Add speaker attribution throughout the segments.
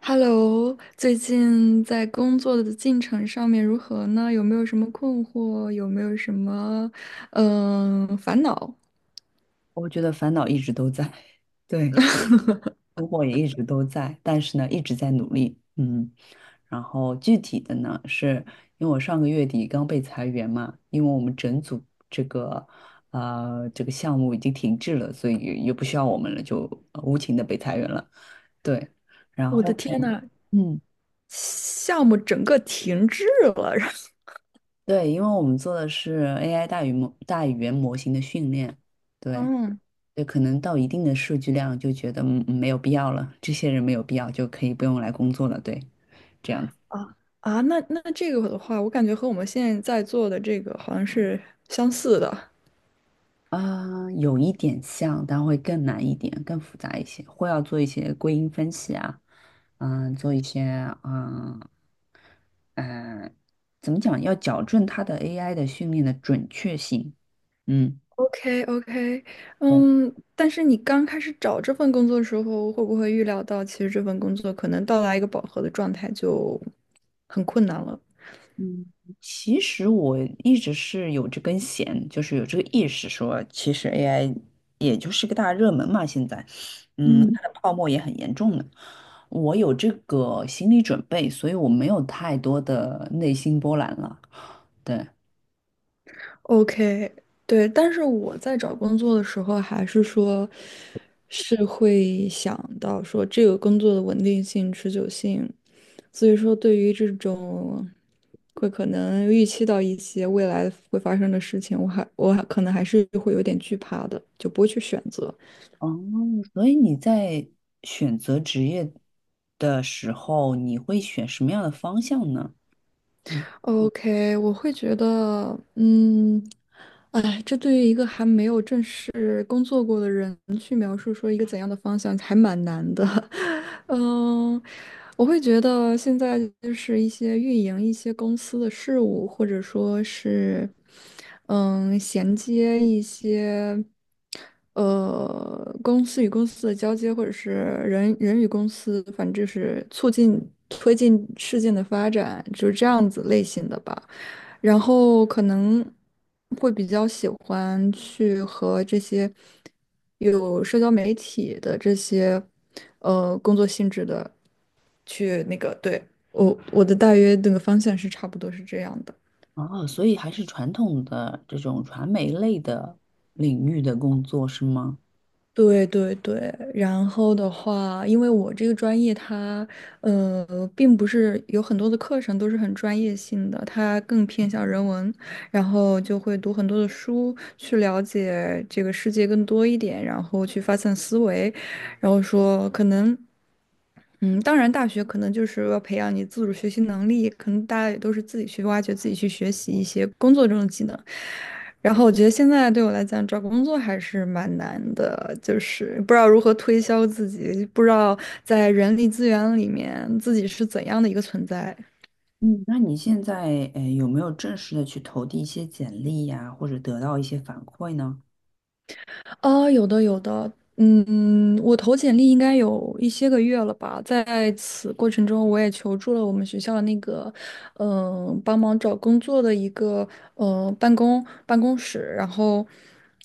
Speaker 1: Hello，最近在工作的进程上面如何呢？有没有什么困惑？有没有什么烦恼？
Speaker 2: 我觉得烦恼一直都在，对，困惑也一直都在，但是呢，一直在努力，嗯。然后具体的呢，是因为我上个月底刚被裁员嘛，因为我们整组这个这个项目已经停滞了，所以也不需要我们了，就无情的被裁员了。对，然
Speaker 1: 我的
Speaker 2: 后呢
Speaker 1: 天呐，
Speaker 2: 嗯，
Speaker 1: 项目整个停滞了。然后
Speaker 2: 对，因为我们做的是 AI 大语言模型的训练，对，
Speaker 1: 嗯，
Speaker 2: 对，可能到一定的数据量就觉得没有必要了，这些人没有必要就可以不用来工作了，对，这样子。
Speaker 1: 啊啊，那这个的话，我感觉和我们现在在做的这个好像是相似的。
Speaker 2: 啊，有一点像，但会更难一点，更复杂一些，会要做一些归因分析啊，嗯，做一些嗯嗯，怎么讲，要矫正它的 AI 的训练的准确性，嗯，
Speaker 1: OK OK，嗯，但是你刚开始找这份工作的时候，会不会预料到其实这份工作可能到达一个饱和的状态就很困难了？
Speaker 2: 嗯，其实我一直是有这根弦，就是有这个意识说，其实 AI 也就是个大热门嘛，现在，嗯，
Speaker 1: 嗯。
Speaker 2: 它的泡沫也很严重的。我有这个心理准备，所以我没有太多的内心波澜了。对，
Speaker 1: OK，对，但是我在找工作的时候，还是说，是会想到说这个工作的稳定性、持久性，所以说对于这种会可能预期到一些未来会发生的事情，我还可能还是会有点惧怕的，就不会去选择。
Speaker 2: 哦，所以你在选择职业的时候，你会选什么样的方向呢？嗯，
Speaker 1: OK，我会觉得，哎，这对于一个还没有正式工作过的人去描述说一个怎样的方向，还蛮难的。嗯，我会觉得现在就是一些运营一些公司的事务，或者说是，衔接一些。公司与公司的交接，或者是人与公司，反正就是促进推进事件的发展，就是这样子类型的吧。然后可能会比较喜欢去和这些有社交媒体的这些工作性质的去那个，对，我的大约那个方向是差不多是这样的。
Speaker 2: 哦，所以还是传统的这种传媒类的领域的工作是吗？
Speaker 1: 对对对，然后的话，因为我这个专业它，并不是有很多的课程都是很专业性的，它更偏向人文，然后就会读很多的书去了解这个世界更多一点，然后去发散思维，然后说可能。当然，大学可能就是要培养你自主学习能力，可能大家也都是自己去挖掘、自己去学习一些工作中的技能。然后我觉得现在对我来讲，找工作还是蛮难的，就是不知道如何推销自己，不知道在人力资源里面自己是怎样的一个存在。
Speaker 2: 嗯，那你现在有没有正式的去投递一些简历呀，或者得到一些反馈呢？
Speaker 1: 啊，有的有的，我投简历应该有一些个月了吧，在此过程中，我也求助了我们学校的那个，帮忙找工作的一个，办公室，然后，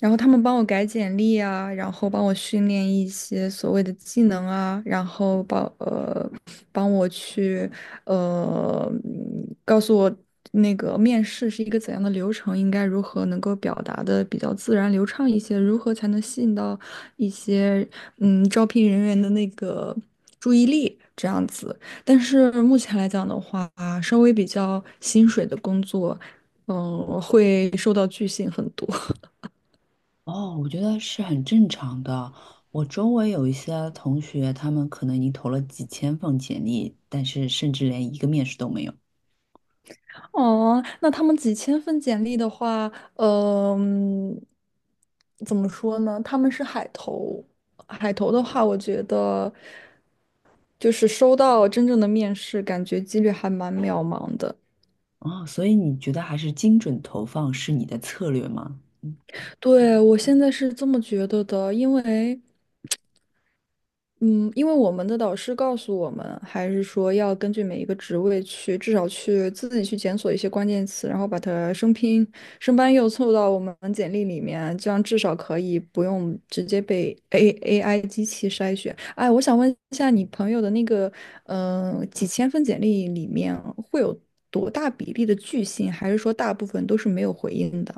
Speaker 1: 然后他们帮我改简历啊，然后帮我训练一些所谓的技能啊，然后帮我去告诉我。那个面试是一个怎样的流程，应该如何能够表达的比较自然流畅一些，如何才能吸引到一些招聘人员的那个注意力这样子。但是目前来讲的话，稍微比较薪水的工作，会受到拒信很多。
Speaker 2: 哦，我觉得是很正常的。我周围有一些同学，他们可能已经投了几千份简历，但是甚至连一个面试都没有。
Speaker 1: 哦，那他们几千份简历的话，嗯、怎么说呢？他们是海投，海投的话，我觉得就是收到真正的面试，感觉几率还蛮渺茫的。
Speaker 2: 哦，所以你觉得还是精准投放是你的策略吗？
Speaker 1: 对，我现在是这么觉得的，因为。嗯，因为我们的导师告诉我们，还是说要根据每一个职位去，至少去自己去检索一些关键词，然后把它生拼、生搬硬凑到我们简历里面，这样至少可以不用直接被 AI 机器筛选。哎，我想问一下，你朋友的那个，几千份简历里面会有多大比例的拒信，还是说大部分都是没有回应的？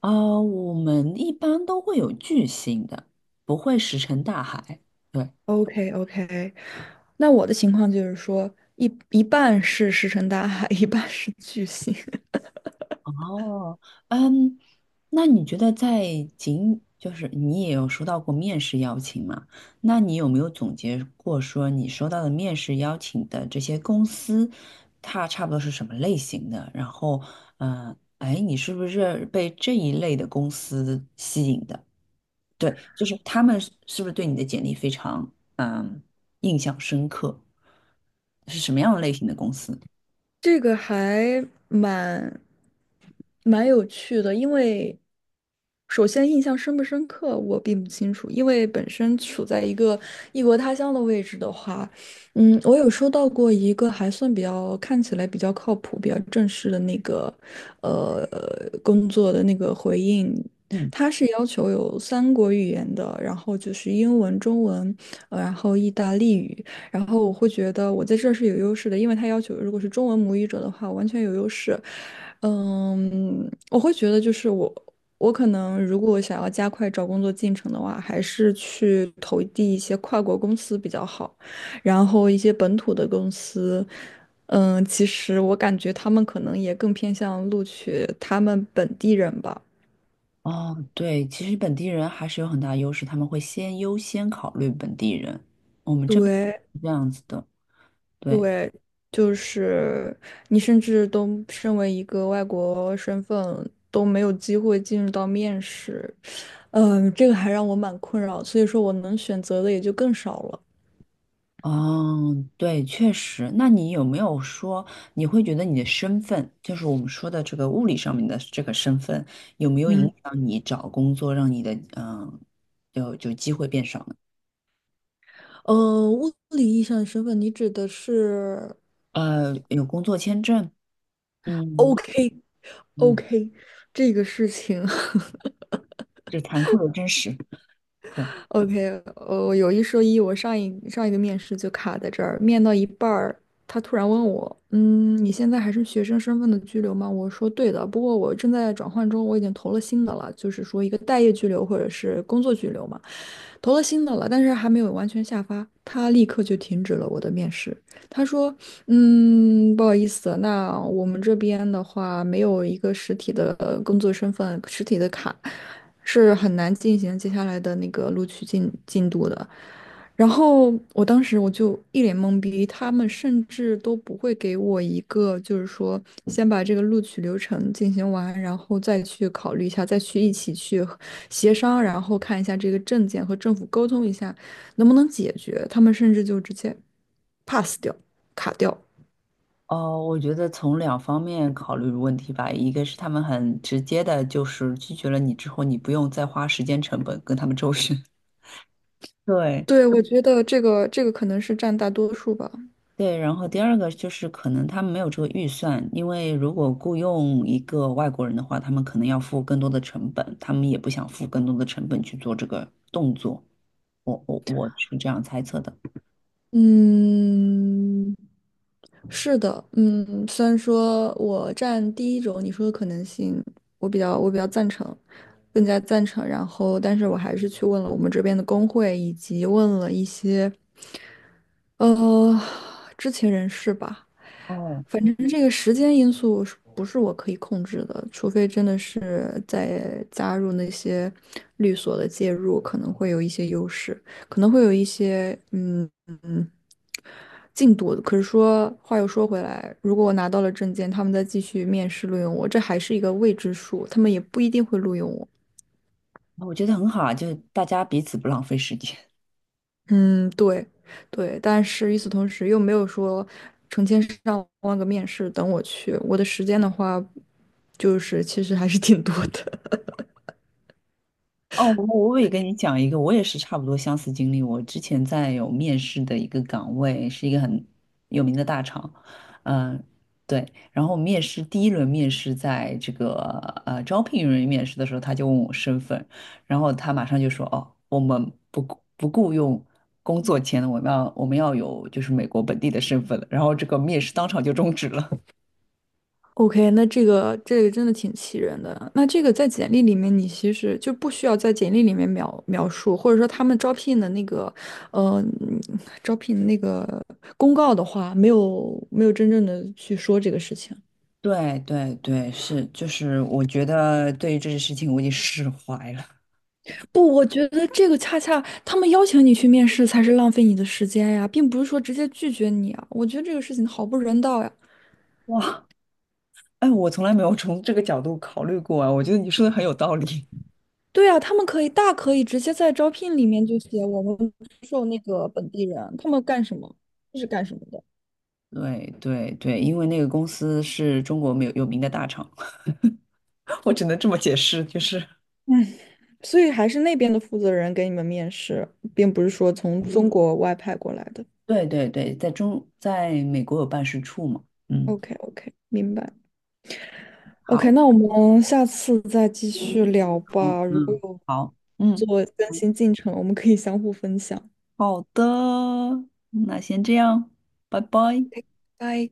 Speaker 2: 啊、我们一般都会有巨星的，不会石沉大海。对。
Speaker 1: OK OK，那我的情况就是说，一半是石沉大海，一半是巨星。
Speaker 2: 哦，嗯，那你觉得在仅就是你也有收到过面试邀请嘛？那你有没有总结过说你收到的面试邀请的这些公司，它差不多是什么类型的？然后，嗯、哎，你是不是被这一类的公司吸引的？对，就是他们是不是对你的简历非常印象深刻？是什么样的类型的公司？
Speaker 1: 这个还蛮有趣的，因为首先印象深不深刻我并不清楚，因为本身处在一个异国他乡的位置的话，我有收到过一个还算比较看起来比较靠谱、比较正式的那个呃工作的那个回应，
Speaker 2: 嗯。
Speaker 1: 他是要求有三国语言的，然后就是英文、中文，然后意大利语。然后我会觉得我在这儿是有优势的，因为他要求如果是中文母语者的话，我完全有优势。我会觉得就是我可能如果想要加快找工作进程的话，还是去投递一些跨国公司比较好，然后一些本土的公司。其实我感觉他们可能也更偏向录取他们本地人吧。
Speaker 2: 哦，对，其实本地人还是有很大优势，他们会先优先考虑本地人。我们这边
Speaker 1: 对，
Speaker 2: 是这样子的，对，
Speaker 1: 对，就是你甚至都身为一个外国身份都没有机会进入到面试，这个还让我蛮困扰，所以说我能选择的也就更少了。
Speaker 2: 哦，对，确实。那你有没有说，你会觉得你的身份，就是我们说的这个物理上面的这个身份，有没有影
Speaker 1: 嗯，
Speaker 2: 响你找工作，让你的嗯，有就机会变少呢？
Speaker 1: 物理意义上的身份，你指的是
Speaker 2: 呃，有工作签证，嗯
Speaker 1: OK
Speaker 2: 嗯，
Speaker 1: OK 这个事情。
Speaker 2: 这残酷的真实。对。
Speaker 1: OK，有一说一，我上一个面试就卡在这儿，面到一半儿，他突然问我，你现在还是学生身份的居留吗？我说对的，不过我正在转换中，我已经投了新的了，就是说一个待业居留或者是工作居留嘛，投了新的了，但是还没有完全下发，他立刻就停止了我的面试。他说：不好意思，那我们这边的话没有一个实体的工作身份、实体的卡，是很难进行接下来的那个录取进度的。”然后我当时我就一脸懵逼，他们甚至都不会给我一个，就是说先把这个录取流程进行完，然后再去考虑一下，再去一起去协商，然后看一下这个证件和政府沟通一下。能不能解决，他们甚至就直接 pass 掉、卡掉。
Speaker 2: 哦，我觉得从两方面考虑问题吧，一个是他们很直接的，就是拒绝了你之后，你不用再花时间成本跟他们周旋。对
Speaker 1: 对，我觉得这个可能是占大多数吧。
Speaker 2: 对，然后第二个就是可能他们没有这个预算，因为如果雇佣一个外国人的话，他们可能要付更多的成本，他们也不想付更多的成本去做这个动作。我是这样猜测的。
Speaker 1: 嗯，是的，虽然说我占第一种你说的可能性，我比较赞成，更加赞成。然后，但是我还是去问了我们这边的工会，以及问了一些呃知情人士吧。
Speaker 2: 哦，
Speaker 1: 觉得这个时间因素是不是我可以控制的？除非真的是在加入那些律所的介入，可能会有一些优势，可能会有一些嗯进度。可是说话又说回来，如果我拿到了证件，他们再继续面试录用我，这还是一个未知数，他们也不一定会录用我。
Speaker 2: 我觉得很好啊，就是大家彼此不浪费时间。
Speaker 1: 嗯，对，对，但是与此同时又没有说成千上万个面试等我去，我的时间的话，就是其实还是挺多的。
Speaker 2: 哦，我也跟你讲一个，我也是差不多相似经历。我之前在有面试的一个岗位，是一个很有名的大厂，嗯、对。然后面试第一轮面试，在这个招聘人员面试的时候，他就问我身份，然后他马上就说：“哦，我们不雇佣工作签的，我们要有就是美国本地的身份了。”然后这个面试当场就终止了。
Speaker 1: OK，那这个真的挺气人的。那这个在简历里面，你其实就不需要在简历里面描述，或者说他们招聘的那个，呃，嗯招聘那个公告的话，没有真正的去说这个事情。
Speaker 2: 对对对，是，就是我觉得对于这件事情我已经释怀了。
Speaker 1: 不，我觉得这个恰恰他们邀请你去面试才是浪费你的时间呀，并不是说直接拒绝你啊。我觉得这个事情好不人道呀。
Speaker 2: 哇，哎，我从来没有从这个角度考虑过啊，我觉得你说的很有道理。
Speaker 1: 对呀，他们可以大可以直接在招聘里面就写我们是干什么的，
Speaker 2: 对对对，因为那个公司是中国没有有名的大厂，我只能这么解释，就是，
Speaker 1: 所以还是那边的负责人给你们面试，并不是说从中国外派过来的。
Speaker 2: 对对对，在美国有办事处嘛，嗯，
Speaker 1: OK OK，明白。OK，
Speaker 2: 好，
Speaker 1: 那我们下次再继续聊
Speaker 2: 好，
Speaker 1: 吧。如果
Speaker 2: 嗯，
Speaker 1: 有
Speaker 2: 好，嗯，
Speaker 1: 做更新进程，我们可以相互分享。
Speaker 2: 好的，那先这样，拜拜。
Speaker 1: OK，拜。